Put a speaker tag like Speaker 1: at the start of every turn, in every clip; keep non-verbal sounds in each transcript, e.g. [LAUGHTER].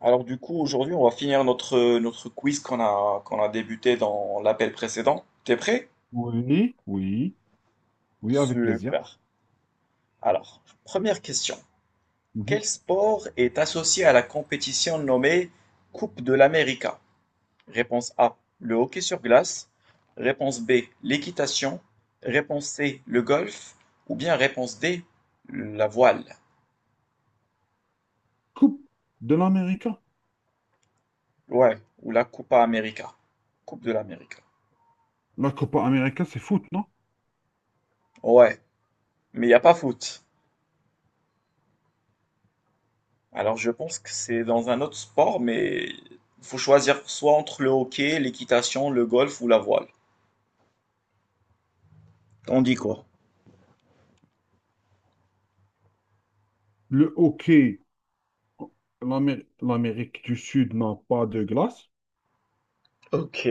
Speaker 1: Alors du coup, aujourd'hui, on va finir notre quiz qu'on a débuté dans l'appel précédent. T'es prêt?
Speaker 2: Oui, oui, oui, avec plaisir.
Speaker 1: Super. Alors, première question.
Speaker 2: Mhm.
Speaker 1: Quel sport est associé à la compétition nommée Coupe de l'América? Réponse A, le hockey sur glace. Réponse B, l'équitation. Réponse C, le golf. Ou bien réponse D, la voile.
Speaker 2: Coupe de l'Amérique.
Speaker 1: Ouais, ou la Coupa América. Coupe de l'América.
Speaker 2: La Copa América, c'est foot, non?
Speaker 1: Ouais, mais il n'y a pas foot. Alors, je pense que c'est dans un autre sport, mais il faut choisir soit entre le hockey, l'équitation, le golf ou la voile. T'en dis quoi?
Speaker 2: Le hockey, L'Amérique du Sud n'a pas de glace.
Speaker 1: Ok,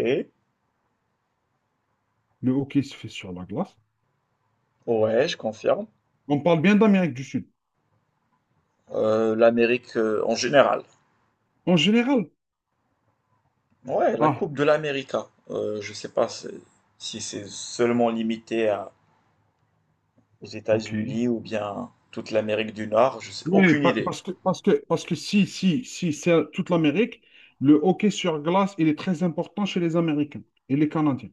Speaker 2: Le hockey se fait sur la glace.
Speaker 1: ouais, je confirme.
Speaker 2: On parle bien d'Amérique du Sud.
Speaker 1: l'Amérique en général.
Speaker 2: En général.
Speaker 1: Ouais, la
Speaker 2: Ah,
Speaker 1: Coupe de l'Amérique, hein. Je sais pas si c'est seulement aux
Speaker 2: ok.
Speaker 1: États-Unis ou bien toute l'Amérique du Nord, je sais
Speaker 2: Oui,
Speaker 1: aucune
Speaker 2: pa-
Speaker 1: idée.
Speaker 2: parce que, parce que, parce que si, c'est à toute l'Amérique, le hockey sur glace, il est très important chez les Américains et les Canadiens.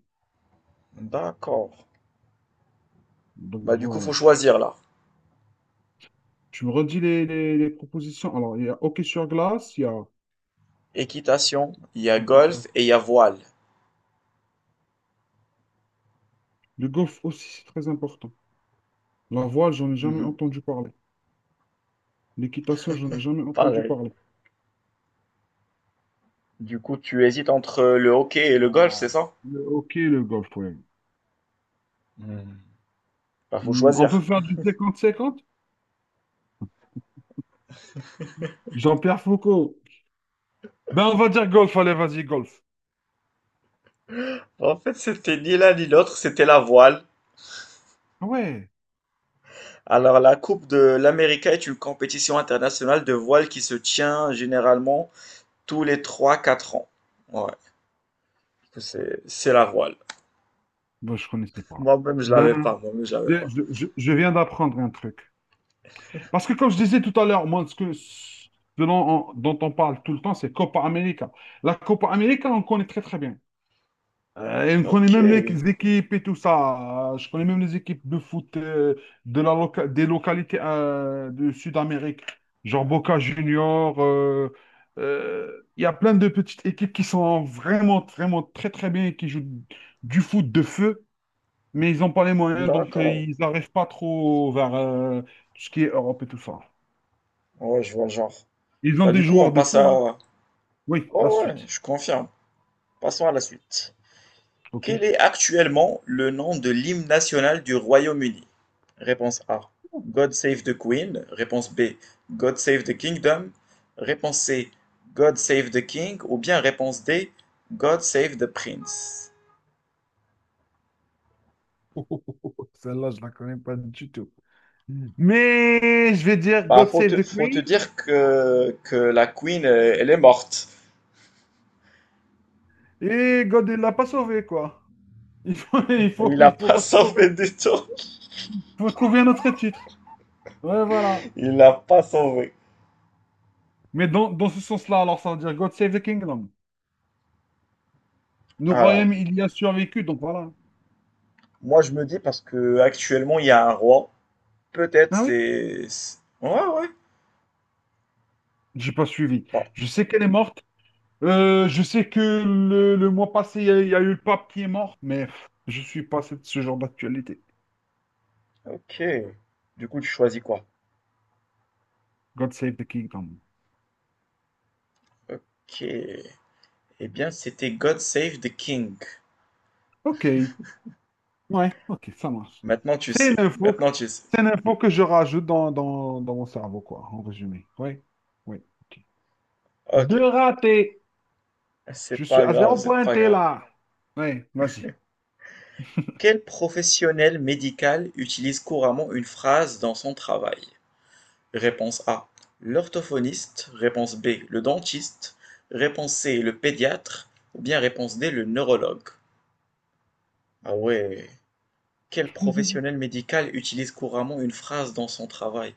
Speaker 1: D'accord.
Speaker 2: Donc
Speaker 1: Bah du coup, faut
Speaker 2: voilà.
Speaker 1: choisir là.
Speaker 2: Tu me redis les propositions. Alors, il y a hockey sur glace, il y a
Speaker 1: Équitation, il y a
Speaker 2: l'équitation.
Speaker 1: golf et il y a voile.
Speaker 2: Le golf aussi, c'est très important. La voile, j'en ai jamais
Speaker 1: Mhm.
Speaker 2: entendu parler. L'équitation, j'en ai jamais entendu
Speaker 1: Pareil.
Speaker 2: parler.
Speaker 1: Du coup, tu hésites entre le hockey et le golf, c'est ça?
Speaker 2: Le hockey, le golf, ouais.
Speaker 1: Hmm. Bah, faut
Speaker 2: Hmm, on peut
Speaker 1: choisir.
Speaker 2: faire du cinquante cinquante? Jean-Pierre Foucault. Ben, on va dire golf, allez, vas-y, golf.
Speaker 1: En fait, c'était ni l'un ni l'autre, c'était la voile.
Speaker 2: Ah ouais,
Speaker 1: Alors, la Coupe de l'Amérique est une compétition internationale de voile qui se tient généralement tous les trois quatre ans. Ouais, c'est la voile.
Speaker 2: ben, je connaissais pas.
Speaker 1: Moi-même, je
Speaker 2: Ben,
Speaker 1: l'avais pas, moi-même, je l'avais
Speaker 2: je,
Speaker 1: pas.
Speaker 2: je- je- je viens d'apprendre un truc. Parce que comme je disais tout à l'heure, moi, ce dont dont on parle tout le temps, c'est Copa América. La Copa América, on connaît très très bien. Et on connaît
Speaker 1: Ok,
Speaker 2: même les équipes et tout ça. Je connais même les équipes de foot, de la loca- des localités, de Sud-Amérique, genre Boca Junior. Il y a plein de petites équipes qui sont vraiment, vraiment très, très bien et qui jouent du foot de feu, mais ils n'ont pas les moyens, donc
Speaker 1: d'accord.
Speaker 2: ils n'arrivent pas trop vers tout ce qui est Europe et tout ça.
Speaker 1: Ouais, je vois le genre.
Speaker 2: Ils ont
Speaker 1: Bah,
Speaker 2: des
Speaker 1: du coup, on
Speaker 2: joueurs de
Speaker 1: passe
Speaker 2: fou,
Speaker 1: à...
Speaker 2: hein. Oui, la
Speaker 1: Oh ouais,
Speaker 2: suite.
Speaker 1: je confirme. Passons à la suite. Quel
Speaker 2: OK.
Speaker 1: est
Speaker 2: [LAUGHS]
Speaker 1: actuellement le nom de l'hymne national du Royaume-Uni? Réponse A. God Save the Queen. Réponse B. God Save the Kingdom. Réponse C. God Save the King. Ou bien réponse D. God Save the Prince.
Speaker 2: Celle-là, je la connais pas du tout. Mais je vais dire
Speaker 1: Bah,
Speaker 2: God
Speaker 1: faut
Speaker 2: Save
Speaker 1: te,
Speaker 2: the
Speaker 1: faut te
Speaker 2: Queen
Speaker 1: dire que la Queen, elle est morte.
Speaker 2: et God ne l'a pas sauvé, quoi. Il faut, [LAUGHS] il faut,
Speaker 1: Il l'a
Speaker 2: il faut
Speaker 1: pas [LAUGHS]
Speaker 2: retrouver,
Speaker 1: sauvé du tout.
Speaker 2: faut retrouver un autre titre. Ouais, voilà.
Speaker 1: Il l'a pas sauvé.
Speaker 2: Mais dans ce sens-là, alors ça veut dire God Save the Kingdom. Le royaume,
Speaker 1: Alors,
Speaker 2: il y a survécu, donc voilà.
Speaker 1: moi je me dis parce que actuellement il y a un roi. Peut-être
Speaker 2: Ah oui?
Speaker 1: Ouais, ouais.
Speaker 2: J'ai pas suivi.
Speaker 1: Bon,
Speaker 2: Je sais qu'elle est morte. Je sais que le mois passé, il y a eu le pape qui est mort, mais pff, je suis pas ce genre d'actualité.
Speaker 1: Ok. Du coup, tu choisis quoi?
Speaker 2: God Save the Kingdom.
Speaker 1: Ok. Eh bien, c'était God Save the King.
Speaker 2: Ok. Ouais, ok, ça marche.
Speaker 1: Maintenant, tu
Speaker 2: C'est
Speaker 1: sais.
Speaker 2: une info, que-
Speaker 1: Maintenant, tu sais.
Speaker 2: c'est une info que je rajoute dans mon cerveau, quoi, en résumé. Oui, oui, ok.
Speaker 1: Ok.
Speaker 2: Deux ratés. Je
Speaker 1: C'est
Speaker 2: suis
Speaker 1: pas
Speaker 2: à
Speaker 1: grave,
Speaker 2: zéro
Speaker 1: c'est pas
Speaker 2: pointé,
Speaker 1: grave.
Speaker 2: là. Oui, vas-y.
Speaker 1: Quel professionnel médical utilise couramment une phrase dans son travail? Réponse A. L'orthophoniste. Réponse B. Le dentiste. Réponse C. Le pédiatre. Ou bien réponse D. Le neurologue. Ah ouais. Quel professionnel
Speaker 2: [LAUGHS]
Speaker 1: médical utilise couramment une phrase dans son travail?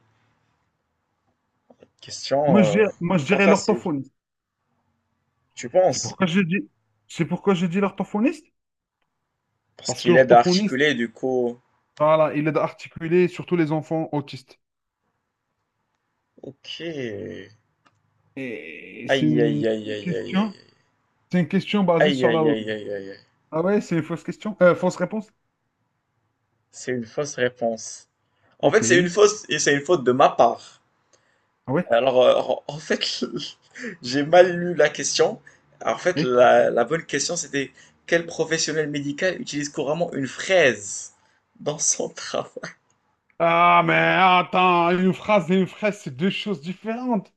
Speaker 1: Question, euh,
Speaker 2: Moi, je
Speaker 1: pas
Speaker 2: dirais
Speaker 1: facile.
Speaker 2: l'orthophoniste.
Speaker 1: Tu
Speaker 2: C'est
Speaker 1: penses?
Speaker 2: pourquoi je dis, c'est pourquoi je dis l'orthophoniste?
Speaker 1: Parce
Speaker 2: Parce que
Speaker 1: qu'il aide à
Speaker 2: l'orthophoniste,
Speaker 1: articuler, du coup.
Speaker 2: voilà, il aide à articuler surtout les enfants autistes.
Speaker 1: Ok.
Speaker 2: Et
Speaker 1: Aïe, aïe, aïe, aïe, aïe,
Speaker 2: question,
Speaker 1: aïe.
Speaker 2: c'est une question basée
Speaker 1: Aïe,
Speaker 2: sur la
Speaker 1: aïe, aïe,
Speaker 2: logique.
Speaker 1: aïe, aïe, aïe.
Speaker 2: Ah ouais, c'est une fausse question, fausse réponse.
Speaker 1: C'est une fausse réponse. En
Speaker 2: Ok.
Speaker 1: fait, c'est une fausse et c'est une faute de ma part.
Speaker 2: Ah ouais.
Speaker 1: Alors, en fait, [LAUGHS] j'ai mal lu la question. En fait, la bonne question, c'était quel professionnel médical utilise couramment une fraise dans son [LAUGHS] travail?
Speaker 2: Ah, mais attends, une phrase et une fraise, c'est deux choses différentes.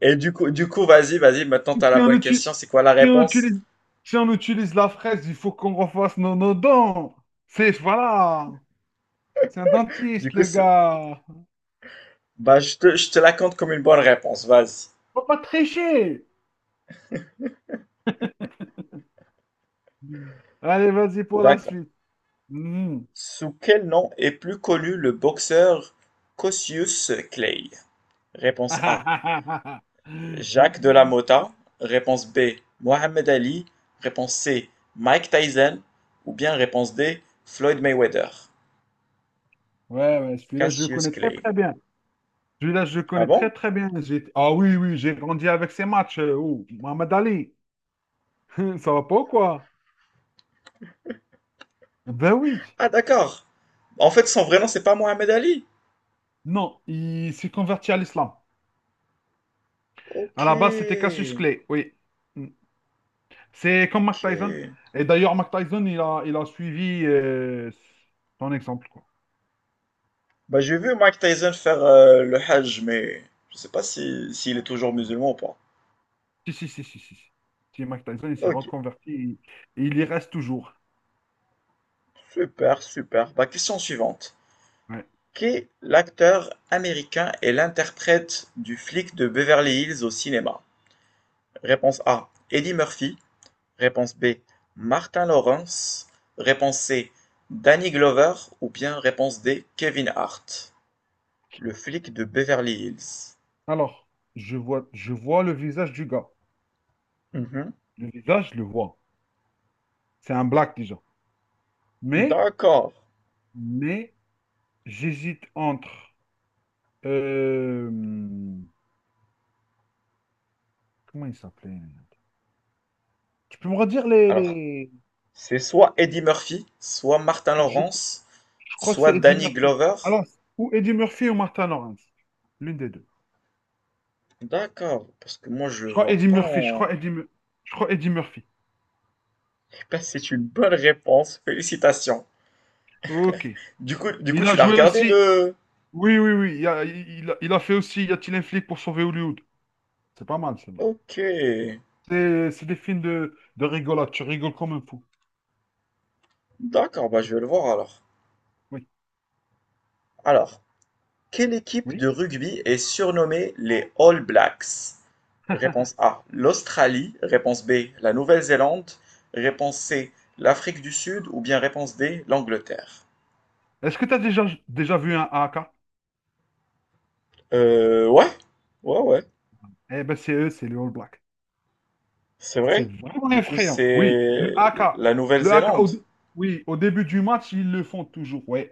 Speaker 1: Et vas-y, maintenant
Speaker 2: Si
Speaker 1: t'as la
Speaker 2: on
Speaker 1: bonne
Speaker 2: utilise,
Speaker 1: question. C'est quoi la
Speaker 2: si on
Speaker 1: réponse?
Speaker 2: utilise, si on utilise la fraise, il faut qu'on refasse nos dents. C'est, voilà, c'est un
Speaker 1: Du
Speaker 2: dentiste,
Speaker 1: coup,
Speaker 2: le
Speaker 1: c'est-
Speaker 2: gars.
Speaker 1: bah, je te la compte comme une bonne réponse. Vas-y.
Speaker 2: Faut pas tricher. Mmh. Allez, vas-y pour la
Speaker 1: D'accord.
Speaker 2: suite. Mhm.
Speaker 1: Sous quel nom est plus connu le boxeur Cassius Clay? Réponse A.
Speaker 2: [LAUGHS]
Speaker 1: Jacques de la
Speaker 2: Mhm.
Speaker 1: Motta. Réponse B. Mohamed Ali. Réponse C. Mike Tyson. Ou bien réponse D. Floyd Mayweather.
Speaker 2: Ouais, ouais, celui-là, je le
Speaker 1: Cassius
Speaker 2: connais très,
Speaker 1: Clay.
Speaker 2: très bien. Celui-là, je le
Speaker 1: Ah
Speaker 2: connais
Speaker 1: bon?
Speaker 2: très, très bien. Ah oui, oui, j'ai grandi avec ces matchs. Oh, Mohamed Ali, [LAUGHS] ça va pas ou quoi? Ben oui.
Speaker 1: Ah d'accord. En fait, son vrai nom, c'est pas Mohamed Ali.
Speaker 2: Non, il s'est converti à l'islam.
Speaker 1: Ok.
Speaker 2: À la base, c'était Cassius Clay, oui. Mm. C'est comme Mike
Speaker 1: Ok.
Speaker 2: Tyson. Et d'ailleurs, Mike Tyson, il a suivi son exemple, quoi.
Speaker 1: Bah, j'ai vu Mike Tyson faire le Hajj, mais je sais pas si s'il est toujours
Speaker 2: Ouais.
Speaker 1: musulman ou pas.
Speaker 2: Si. Si, Mike Tyson, il s'est
Speaker 1: Ok.
Speaker 2: reconverti et il y reste toujours.
Speaker 1: Super, super. Bah, question suivante.
Speaker 2: Ouais.
Speaker 1: Qui est l'acteur américain et l'interprète du flic de Beverly Hills au cinéma? Réponse A, Eddie Murphy. Réponse B, Martin Lawrence. Réponse C, Danny Glover. Ou bien réponse D, Kevin Hart. Le flic de Beverly Hills.
Speaker 2: Alors, je vois le visage du gars.
Speaker 1: Mhm.
Speaker 2: Le visage, je le vois. C'est un black déjà. Mais,
Speaker 1: D'accord.
Speaker 2: mais, j'hésite entre. euh, comment il s'appelait? Tu peux me redire
Speaker 1: Alors,
Speaker 2: les...
Speaker 1: c'est soit Eddie Murphy, soit Martin
Speaker 2: Je, je
Speaker 1: Lawrence,
Speaker 2: crois que
Speaker 1: soit
Speaker 2: c'est Eddie
Speaker 1: Danny
Speaker 2: Murphy.
Speaker 1: Glover.
Speaker 2: Alors, ou Eddie Murphy ou Martin Lawrence. L'une des deux.
Speaker 1: D'accord, parce que moi je
Speaker 2: Je
Speaker 1: le
Speaker 2: crois
Speaker 1: vois
Speaker 2: Eddie
Speaker 1: pas
Speaker 2: Murphy.
Speaker 1: en...
Speaker 2: Je crois Eddie Murphy.
Speaker 1: Ben, c'est une bonne réponse, félicitations.
Speaker 2: Ok. Il a
Speaker 1: Tu l'as
Speaker 2: joué
Speaker 1: regardé
Speaker 2: aussi.
Speaker 1: le...
Speaker 2: Oui. Il a fait aussi Y a-t-il un flic pour sauver Hollywood? C'est pas mal, celle-là.
Speaker 1: Ok,
Speaker 2: C'est des films de rigolade. Tu rigoles comme un fou.
Speaker 1: d'accord, bah, je vais le voir alors.
Speaker 2: Oui.
Speaker 1: Alors, quelle équipe
Speaker 2: Oui.
Speaker 1: de rugby est surnommée les All Blacks? Réponse A, l'Australie. Réponse B, la Nouvelle-Zélande. Réponse C, l'Afrique du Sud. Ou bien réponse D, l'Angleterre.
Speaker 2: Est-ce que tu as déjà vu un AK?
Speaker 1: Ouais, ouais, ouais,
Speaker 2: Eh ben, c'est eux, c'est les All Blacks.
Speaker 1: c'est
Speaker 2: C'est
Speaker 1: vrai.
Speaker 2: vraiment
Speaker 1: Du coup,
Speaker 2: effrayant. Oui,
Speaker 1: c'est
Speaker 2: le AK.
Speaker 1: la
Speaker 2: Le AK,
Speaker 1: Nouvelle-Zélande.
Speaker 2: au, dé- oui, au début du match, ils le font toujours. Oui,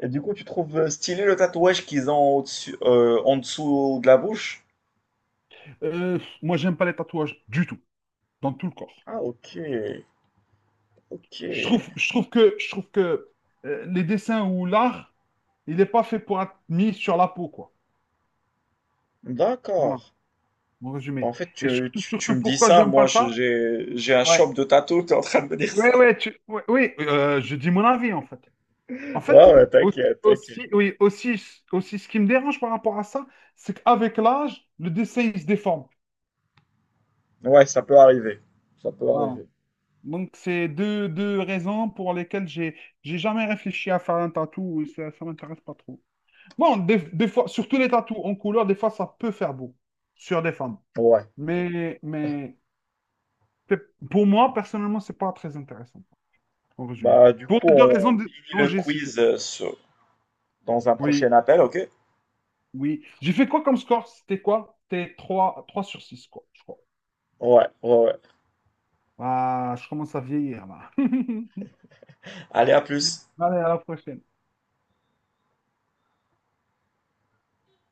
Speaker 1: Et du coup, tu trouves stylé le tatouage qu'ils ont au-dessus, en dessous de la bouche?
Speaker 2: Moi, j'aime pas les tatouages du tout, dans tout le corps.
Speaker 1: Ah, ok, ok,
Speaker 2: Je trouve que les dessins ou l'art, il n'est pas fait pour être mis sur la peau, quoi. Voilà,
Speaker 1: d'accord.
Speaker 2: mon
Speaker 1: Bah, en
Speaker 2: résumé.
Speaker 1: fait,
Speaker 2: Et
Speaker 1: tu, tu, tu
Speaker 2: surtout
Speaker 1: me dis
Speaker 2: pourquoi
Speaker 1: ça,
Speaker 2: j'aime
Speaker 1: moi
Speaker 2: pas ça?
Speaker 1: j'ai un
Speaker 2: Ouais.
Speaker 1: shop de tatou, tu es en train de me dire ça.
Speaker 2: Ouais, je dis mon avis, en fait. En
Speaker 1: [LAUGHS] Ah
Speaker 2: fait,
Speaker 1: ouais,
Speaker 2: aussi,
Speaker 1: t'inquiète, t'inquiète.
Speaker 2: aussi, oui, aussi, aussi, ce qui me dérange par rapport à ça, c'est qu'avec l'âge, le dessin, il se déforme.
Speaker 1: Ouais, ça peut arriver. Ça peut
Speaker 2: Voilà.
Speaker 1: arriver.
Speaker 2: Donc, c'est deux raisons pour lesquelles j'ai jamais réfléchi à faire un tatou. Ça m'intéresse pas trop. Bon, des fois, surtout les tatous en couleur, des fois, ça peut faire beau sur des femmes.
Speaker 1: Ouais.
Speaker 2: Mais, mais pour moi, personnellement, c'est pas très intéressant, en résumé.
Speaker 1: Bah, du
Speaker 2: Pour
Speaker 1: coup,
Speaker 2: les deux raisons
Speaker 1: on
Speaker 2: de-
Speaker 1: finit
Speaker 2: dont
Speaker 1: le
Speaker 2: j'ai cité.
Speaker 1: quiz dans un
Speaker 2: Oui,
Speaker 1: prochain appel, ok?
Speaker 2: oui. J'ai fait quoi comme score? C'était quoi? C'était 3 sur 6 quoi, je crois.
Speaker 1: Ouais, ouais, ouais.
Speaker 2: Ah, je commence à vieillir, là. [LAUGHS]
Speaker 1: Allez, à plus.
Speaker 2: Allez, à la prochaine.